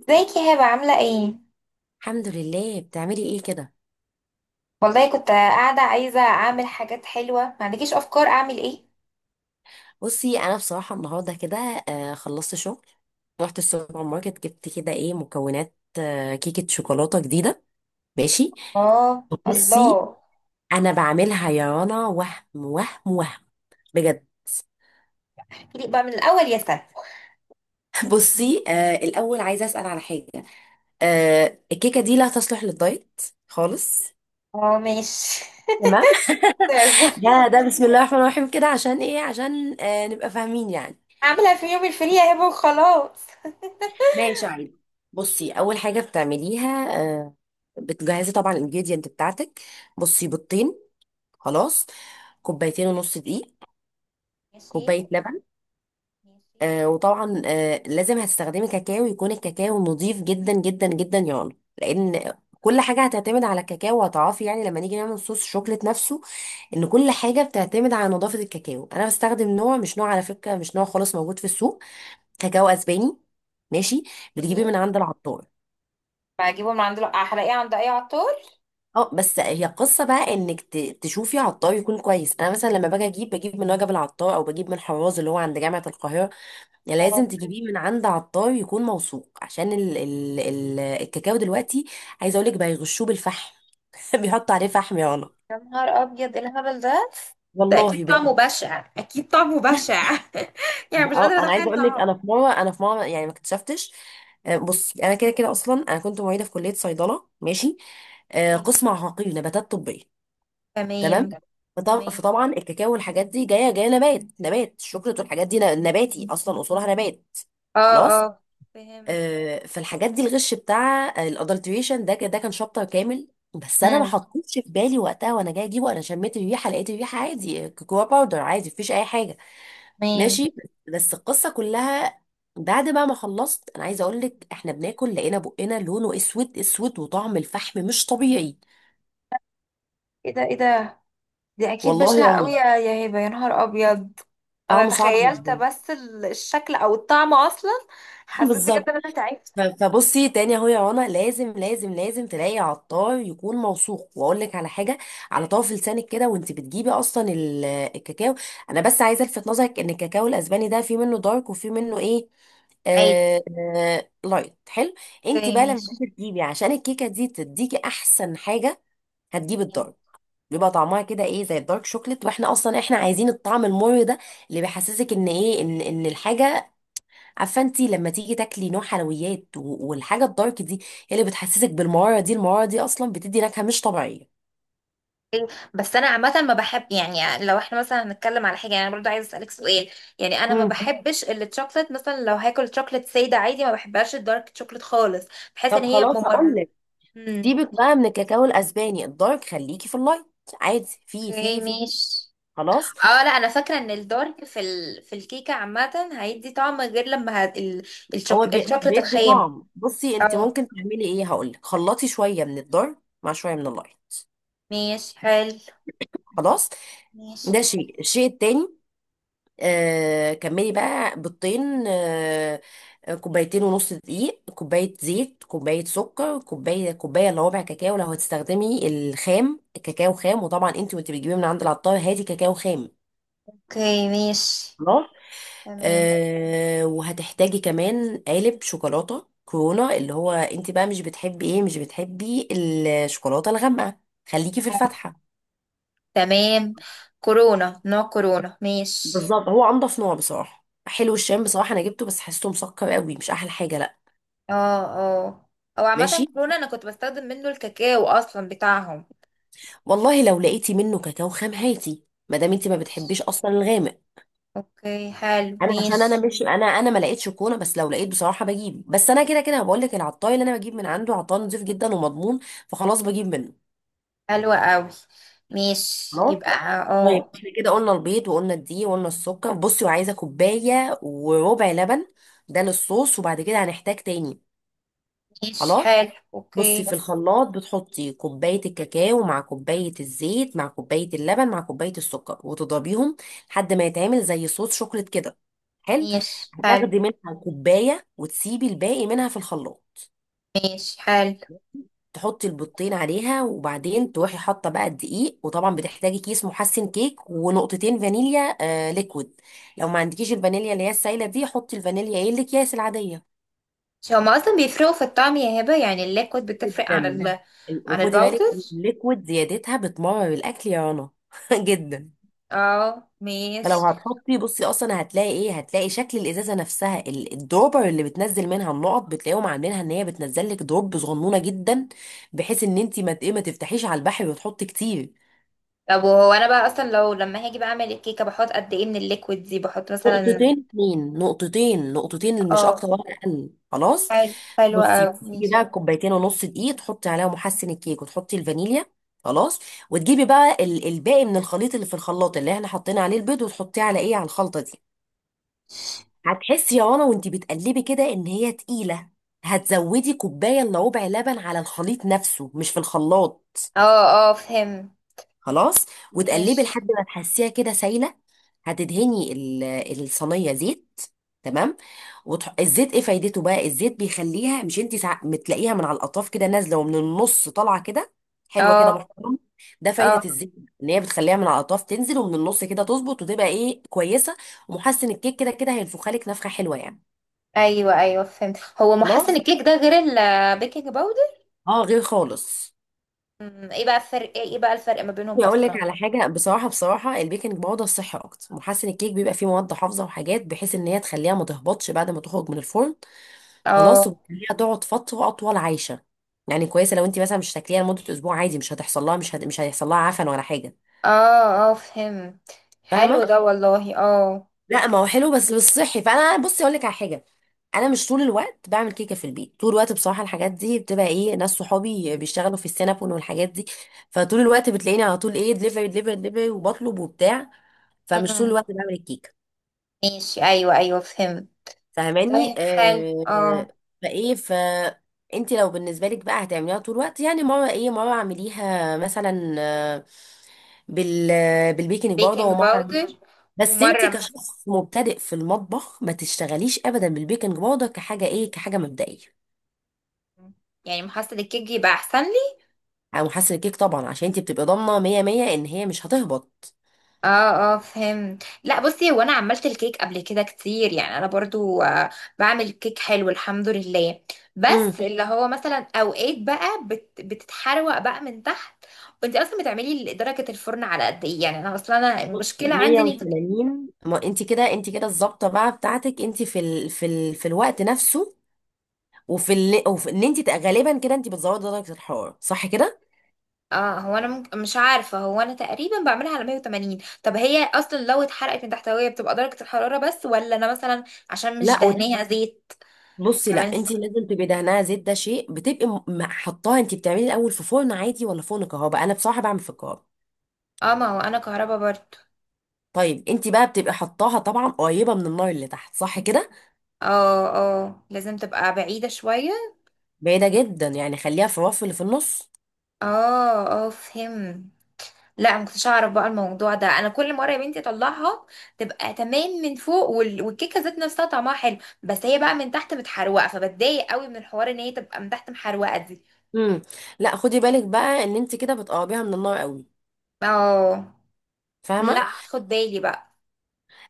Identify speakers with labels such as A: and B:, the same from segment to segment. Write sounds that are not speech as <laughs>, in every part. A: ازيك يا هبة عاملة ايه؟
B: الحمد لله. بتعملي ايه كده؟
A: والله كنت قاعدة عايزة اعمل حاجات حلوة، ما عندكيش افكار اعمل ايه؟
B: بصي انا بصراحه النهارده كده خلصت شغل. رحت السوبر ماركت جبت كده ايه مكونات كيكه شوكولاته جديده. ماشي.
A: اه
B: بصي
A: الله.
B: انا بعملها يا رنا وهم وهم وهم بجد.
A: احكيلي بقى من الاول يا سنة.
B: <laughs> بصي الاول عايزه اسال على حاجه. الكيكه دي لا تصلح للدايت خالص.
A: اه ماشي.
B: تمام. <laughs> ده
A: <laughs>
B: بسم الله الرحمن الرحيم كده عشان ايه عشان نبقى فاهمين يعني.
A: اعملها في يوم الفري يا هبة وخلاص.
B: ماشي عادي. بصي اول حاجه بتعمليها، بتجهزي طبعا الانجريدينت بتاعتك. بصي بيضتين. خلاص. كوبايتين ونص دقيق.
A: ماشي
B: كوبايه لبن.
A: ماشي
B: وطبعا لازم هتستخدمي كاكاو، يكون الكاكاو نظيف جدا جدا جدا يعني، لان كل حاجه هتعتمد على الكاكاو، وهتعرفي يعني لما نيجي نعمل صوص الشوكليت نفسه ان كل حاجه بتعتمد على نظافه الكاكاو. انا بستخدم نوع، مش نوع على فكره، مش نوع خالص موجود في السوق. كاكاو اسباني. ماشي.
A: ماشي.
B: بتجيبيه من عند العطار.
A: بجيبه من عند هلاقيه عند اي عطار.
B: اه، بس هي قصة بقى انك تشوفي عطار يكون كويس. انا مثلا لما باجي اجيب بجيب من وجب العطار او بجيب من حراز اللي هو عند جامعة القاهرة. يعني
A: اه.
B: لازم تجيبيه من عند عطار يكون موثوق عشان ال ال ال الكاكاو دلوقتي. عايزة اقولك بقى يغشوه بالفحم. <laughs> بيحطوا عليه فحم يا رنا.
A: يا نهار ابيض، ايه الهبل ده؟ ده اكيد
B: والله
A: طعمه
B: بجد.
A: بشع، اكيد طعمه بشع. <laughs> يعني مش
B: اه،
A: قادرة
B: انا عايزة
A: اتخيل
B: اقولك، انا
A: طعمه.
B: في مرة يعني ما اكتشفتش، بصي انا كده كده اصلا انا كنت معيدة في كلية صيدلة. ماشي، قسم عقاقير نباتات طبية.
A: تمام.
B: تمام.
A: تمام.
B: فطبعا الكاكاو والحاجات دي جايه نبات الشوكولاته والحاجات دي نباتي اصلا، اصولها نبات.
A: اه
B: خلاص
A: اه فهمت.
B: آه، فالحاجات دي الغش بتاع الادلتريشن ده ده كان شابتر كامل. بس انا ما
A: امم،
B: حطيتش في بالي وقتها، وانا جايه اجيبه انا شميت الريحه، لقيت الريحه عادي كوكو باودر عادي، مفيش اي حاجه.
A: تمام.
B: ماشي. بس القصه كلها بعد بقى ما خلصت، انا عايزه اقول لك احنا بناكل لقينا بقنا لونه اسود اسود، وطعم الفحم مش طبيعي.
A: ايه ده ايه ده؟ دي اكيد
B: والله يا
A: بشعة قوي
B: رنا
A: يا يا هبة، يا نهار ابيض. انا
B: طعمه صعب
A: تخيلت
B: جدا.
A: بس الشكل او الطعم اصلا.
B: <laughs>
A: حسيت بجد
B: بالظبط.
A: ان انا تعبت.
B: فبصي تاني اهو يا رنا، لازم لازم لازم تلاقي عطار يكون موثوق. واقول لك على حاجه، على طرف لسانك كده وانت بتجيبي اصلا الكاكاو. انا بس عايزه الفت نظرك ان الكاكاو الاسباني ده في منه دارك وفي منه ايه،
A: عادي.
B: آه، آه لايت حلو. انت
A: اوكي
B: بقى لما
A: ماشي.
B: تيجي تجيبي عشان الكيكه دي تديكي احسن حاجه، هتجيبي الدارك. بيبقى طعمها كده ايه زي الدارك شوكليت، واحنا اصلا احنا عايزين الطعم المر ده اللي بيحسسك ان ايه ان ان الحاجه. عارفه انت لما تيجي تاكلي نوع حلويات والحاجه الدارك دي، هي اللي بتحسسك بالمراره دي. المراره دي اصلا بتدي نكهه مش طبيعيه.
A: أوكي. بس انا عامه ما بحب، يعني لو احنا مثلا هنتكلم على حاجه، يعني انا برضو عايزه اسالك سؤال. يعني انا ما
B: مم.
A: بحبش الشوكليت، مثلا لو هاكل شوكليت ساده عادي ما بحبهاش الدارك شوكليت خالص. بحس ان
B: طب
A: هي
B: خلاص هقول
A: ممر.
B: لك.
A: امم.
B: سيبك بقى من الكاكاو الاسباني الدارك، خليكي في اللايت. عادي.
A: اوكي
B: في.
A: ماشي.
B: خلاص.
A: اه لا، انا فاكره ان الدارك في ال... في الكيكه عامه هيدي طعم غير لما هت... ال... الشوك... الشوكليت
B: بيدي
A: الخام.
B: طعم. بصي انت
A: اه
B: ممكن تعملي ايه، هقول لك، خلطي شويه من الدارك مع شويه من اللايت.
A: ماشي حلو.
B: خلاص.
A: ماشي.
B: ده شيء. الشيء التاني، كملي بقى. بيضتين، كوبايتين ونص دقيق، كوباية زيت، كوباية سكر، كوباية الا ربع كاكاو. لو هتستخدمي الخام، كاكاو خام. وطبعا انت وانت بتجيبيه من عند العطار هاتي كاكاو خام.
A: اوكي ماشي.
B: خلاص.
A: تمام.
B: وهتحتاجي كمان قالب شوكولاتة كورونا. اللي هو انت بقى مش بتحبي ايه، مش بتحبي الشوكولاتة الغامقة، خليكي في الفاتحة.
A: تمام كورونا، نوع كورونا ماشي.
B: بالظبط، هو انضف نوع بصراحة. حلو الشام بصراحة، انا جبته بس حسيته مسكر قوي، مش احلى حاجة، لا.
A: اه اه. او عامه
B: ماشي.
A: كورونا انا كنت بستخدم منه الكاكاو اصلا بتاعهم.
B: والله لو لقيتي منه كاكاو خام هاتي، ما دام انت ما بتحبيش اصلا الغامق.
A: اوكي حلو
B: انا عشان انا
A: ماشي.
B: مش انا ما لقيتش كونه، بس لو لقيت بصراحه بجيب. بس انا كده كده بقول لك، العطاي اللي انا بجيب من عنده عطاي نضيف جدا ومضمون، فخلاص بجيب منه.
A: حلوة قوي. ماشي
B: خلاص.
A: يبقى.
B: طيب
A: اه.
B: احنا كده قلنا البيض وقلنا الدقيق وقلنا السكر. بصي وعايزه كوبايه وربع لبن، ده للصوص. وبعد كده هنحتاج تاني.
A: ماشي
B: خلاص.
A: حلو
B: بصي
A: اوكي.
B: في الخلاط بتحطي كوباية الكاكاو مع كوباية الزيت مع كوباية اللبن مع كوباية السكر، وتضربيهم لحد ما يتعمل زي صوص شوكليت كده. حلو.
A: ماشي
B: هتاخدي
A: حلو.
B: منها كوباية وتسيبي الباقي منها في الخلاط.
A: ماشي حلو.
B: تحطي البيضتين عليها، وبعدين تروحي حاطة بقى الدقيق، وطبعا بتحتاجي كيس محسن كيك ونقطتين فانيليا آه ليكويد. لو ما عندكيش الفانيليا اللي هي السايلة دي، حطي الفانيليا ايه الأكياس العادية.
A: مش هما اصلا بيفرقوا في الطعم يا هبة؟ يعني الليكويد بتفرق عن
B: جدا.
A: جدا ال عن
B: وخدي
A: الباودر.
B: بالك، الليكويد زيادتها بتمرر الاكل يا رنا. <laughs> جدا.
A: اه
B: فلو
A: ماشي.
B: هتحطي بصي اصلا هتلاقي ايه، هتلاقي شكل الازازه نفسها، الدروبر اللي بتنزل منها النقط، بتلاقيهم عاملينها ان هي بتنزل لك دروب صغنونه جدا، بحيث ان انت ما ت- إيه، ما تفتحيش على البحر وتحطي كتير.
A: طب وهو انا بقى اصلا لو لما هاجي بقى اعمل الكيكة بحط قد ايه من الليكويد دي؟ بحط مثلا.
B: نقطتين، اتنين نقطتين، مش
A: اه.
B: اكتر ولا اقل، خلاص.
A: حلو حلو
B: بصي
A: اوي
B: بتجيبي
A: ماشي.
B: بقى كوبايتين ونص دقيق، تحطي عليها محسن الكيك وتحطي الفانيليا. خلاص. وتجيبي بقى الباقي من الخليط اللي في الخلاط، اللي احنا حطينا عليه البيض، وتحطيه على ايه على الخلطه دي. هتحسي يا رنا وانتي بتقلبي كده ان هي تقيله. هتزودي كوبايه الا ربع لبن على الخليط نفسه، مش في الخلاط.
A: اه اه فهمت.
B: خلاص. وتقلبي
A: ماشي.
B: لحد ما تحسيها كده سايله. هتدهني الصينيه زيت. تمام. الزيت ايه فايدته بقى؟ الزيت بيخليها، مش بتلاقيها من على الاطراف كده نازله ومن النص طالعه كده، حلوه كده
A: اه
B: محترمه. ده
A: اه.
B: فايده الزيت، ان هي بتخليها من على الاطراف تنزل ومن النص كده تظبط وتبقى ايه كويسه. ومحسن الكيك كده كده هينفخها لك نفخه حلوه يعني.
A: ايوه ايوه فهمت. هو محسن
B: خلاص.
A: الكيك ده غير البيكنج باودر؟
B: اه، غير خالص.
A: أمم، ايه بقى الفرق، ايه إيه بقى الفرق ما بينهم
B: اقول
A: اصلا؟
B: لك على حاجه بصراحه، بصراحه البيكنج باودر صحي اكتر. محسن الكيك بيبقى فيه مواد حافظه وحاجات، بحيث ان هي تخليها ما تهبطش بعد ما تخرج من الفرن. خلاص،
A: اه.
B: وتخليها تقعد فتره اطول عايشه. يعني كويسه، لو انت مثلا مش تاكليها لمده اسبوع عادي مش هتحصل لها، مش هيحصل لها عفن ولا حاجه.
A: اه اه فهمت. حلو
B: فاهمه.
A: ده والله. اه.
B: لا ما هو حلو بس مش صحي. فانا بصي اقول لك على حاجه، انا مش طول الوقت بعمل كيكه في البيت. طول الوقت بصراحه الحاجات دي بتبقى ايه، ناس صحابي بيشتغلوا في السينابون والحاجات دي. فطول الوقت بتلاقيني على طول ايه، دليفري دليفري دليفري، وبطلب وبتاع. فمش طول
A: مم.
B: الوقت بعمل الكيكه.
A: ماشي. ايوه ايوه فهمت.
B: فاهماني
A: طيب حلو
B: آه؟
A: اه.
B: فايه ف انت لو بالنسبه لك بقى هتعمليها طول الوقت، يعني مره ايه، مره اعمليها مثلا، بال بالبيكنج باودر
A: بيكنج
B: ومره.
A: باودر.
B: بس انت
A: ومره مس-
B: كشخص مبتدئ في المطبخ ما تشتغليش ابدا بالبيكنج باودر كحاجه ايه كحاجه مبدئيه.
A: يعني محصل الكيك يبقى احسن لي؟
B: او حاسه الكيك طبعا عشان انت بتبقي ضامنه 100 100 ان هي مش هتهبط.
A: اه اه فهمت. لا بصي، هو انا عملت الكيك قبل كده كتير، يعني انا برضو آه، بعمل كيك حلو الحمد لله.
B: امم.
A: بس اللي هو مثلا اوقات بقى بتتحروق بقى من تحت. وانت اصلا بتعملي درجه الفرن على قد ايه؟ يعني انا اصلا، انا
B: بصي،
A: المشكله عندي اني
B: 180. ما انت كده، انت كده الظابطه بقى بتاعتك انت في الوقت نفسه، وفي اللي، وفي ان انت غالبا كده انت بتزودي درجه الحراره صح كده.
A: اه، هو انا ممكن مش عارفه، هو انا تقريبا بعملها على 180. طب هي اصلا لو اتحرقت من تحتويه بتبقى درجه الحراره بس، ولا انا مثلا عشان مش
B: لا وت-
A: دهنيها زيت
B: بصي لا،
A: كمان؟
B: انت لازم تبقي دهنها زيت، ده شيء. بتبقي حطاها. انت بتعملي الاول في فرن عادي ولا فرن كهرباء؟ انا بصراحه بعمل في الكهرباء.
A: اه، ما هو انا كهربا برضو.
B: طيب انت بقى بتبقي حطاها طبعا قريبه من النار اللي تحت صح كده.
A: اه اه، لازم تبقى بعيده شويه.
B: بعيده جدا، يعني خليها في الرف اللي في النص.
A: اه اه فهم. لا ما كنتش اعرف بقى الموضوع ده، انا كل مره يا بنتي اطلعها تبقى تمام من فوق والكيكه ذات نفسها طعمها حلو، بس هي بقى من تحت متحروقه، فبتضايق قوي من الحوار ان هي تبقى من تحت محروقه دي.
B: امم. لا، خدي بالك بقى ان انت كده بتقربيها من النار قوي.
A: اه.
B: فاهمه.
A: لا، خد بالي بقى.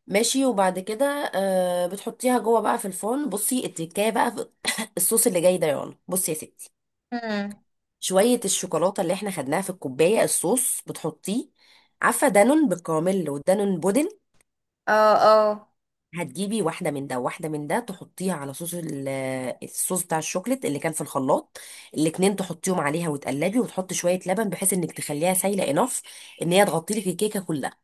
B: ماشي. وبعد كده آه بتحطيها جوه بقى في الفرن. بصي التكايه بقى في <coughs> الصوص اللي جاي ده يا رنا، بصي يا ستي،
A: امم.
B: شوية الشوكولاتة اللي احنا خدناها في الكوباية الصوص بتحطيه. عارفة دانون بالكراميل ودانون بودن؟
A: اه اه.
B: هتجيبي واحدة من ده وواحدة من ده، تحطيها على صوص الصوص بتاع الشوكليت اللي كان في الخلاط. الاتنين تحطيهم عليها وتقلبي، وتحطي شوية لبن بحيث انك تخليها سايلة، انف ان هي تغطي لك الكيكة كلها.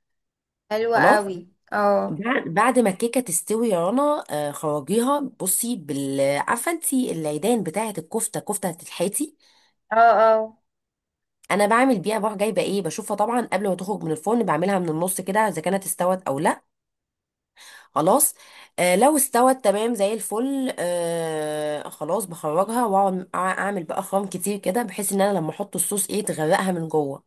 A: حلوة
B: خلاص.
A: قوي. اه.
B: بعد ما الكيكة تستوي يا رنا، خرجيها. بصي بال، عارفة انتي العيدان بتاعة الكفتة، كفتة الحيتي؟
A: اه اه
B: انا بعمل بيها، بروح جايبه ايه بشوفها طبعا قبل ما تخرج من الفرن بعملها من النص كده اذا كانت استوت او لا. خلاص لو استوت تمام زي الفل، خلاص بخرجها واقعد اعمل بقى خرام كتير كده، بحيث ان انا لما احط الصوص ايه تغرقها من جوه.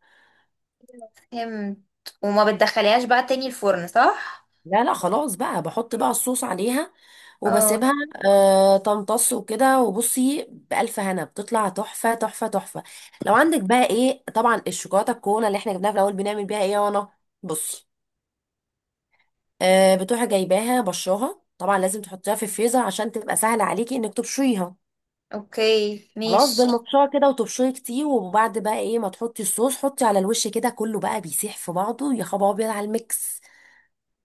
A: فهمت. وما بتدخليهاش بقى تاني الفرن صح؟
B: لا لا، خلاص بقى بحط بقى الصوص عليها وبسيبها
A: اه.
B: آه تمتص وكده. وبصي بألف هنا بتطلع تحفة تحفة تحفة. لو عندك بقى ايه طبعا الشوكولاتة الكونه اللي احنا جبناها في الأول، بنعمل بيها ايه يا رنا؟ بصي، بتروحي جايباها بشراها طبعا لازم تحطيها في الفريزر عشان تبقى سهل عليكي انك تبشريها.
A: اوكي
B: خلاص
A: ماشي.
B: بالمبشره كده، وتبشري كتير. وبعد بقى ايه ما تحطي الصوص، حطي على الوش كده كله بقى بيسيح في بعضه. يا خبر ابيض على الميكس.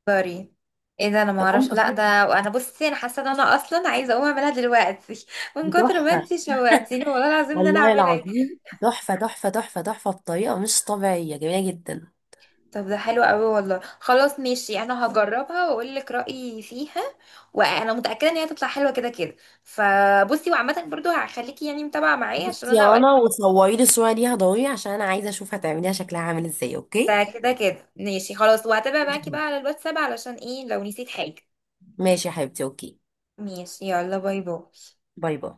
A: سوري. ايه ده، انا ما اعرفش
B: تمام.
A: لا ده. انا بصي، انا حاسه ان انا اصلا عايزه اقوم اعملها دلوقتي <laughs> من
B: دي
A: كتر ما
B: تحفه
A: انتي شوقتيني والله العظيم ان انا
B: والله
A: اعملها.
B: العظيم. تحفه تحفه تحفه تحفه بطريقه مش طبيعيه، جميله جدا.
A: طب ده حلو قوي والله، خلاص ماشي انا هجربها واقول لك رايي فيها، وانا متاكده ان هي هتطلع حلوه كده كده. فبصي، وعامه برضو هخليكي يعني متابعه معايا عشان
B: بصي
A: انا
B: يا
A: اوقات.
B: رنا وصوري لي الصوره ليها ضروري، عشان انا عايزه اشوف هتعمليها شكلها عامل ازاي. اوكي.
A: ده كده كده ماشي خلاص، وهتابع معاكي بقى على الواتساب علشان ايه لو نسيت حاجة.
B: ماشي يا حبيبتي، اوكي.
A: ماشي يلا باي باي.
B: باي باي.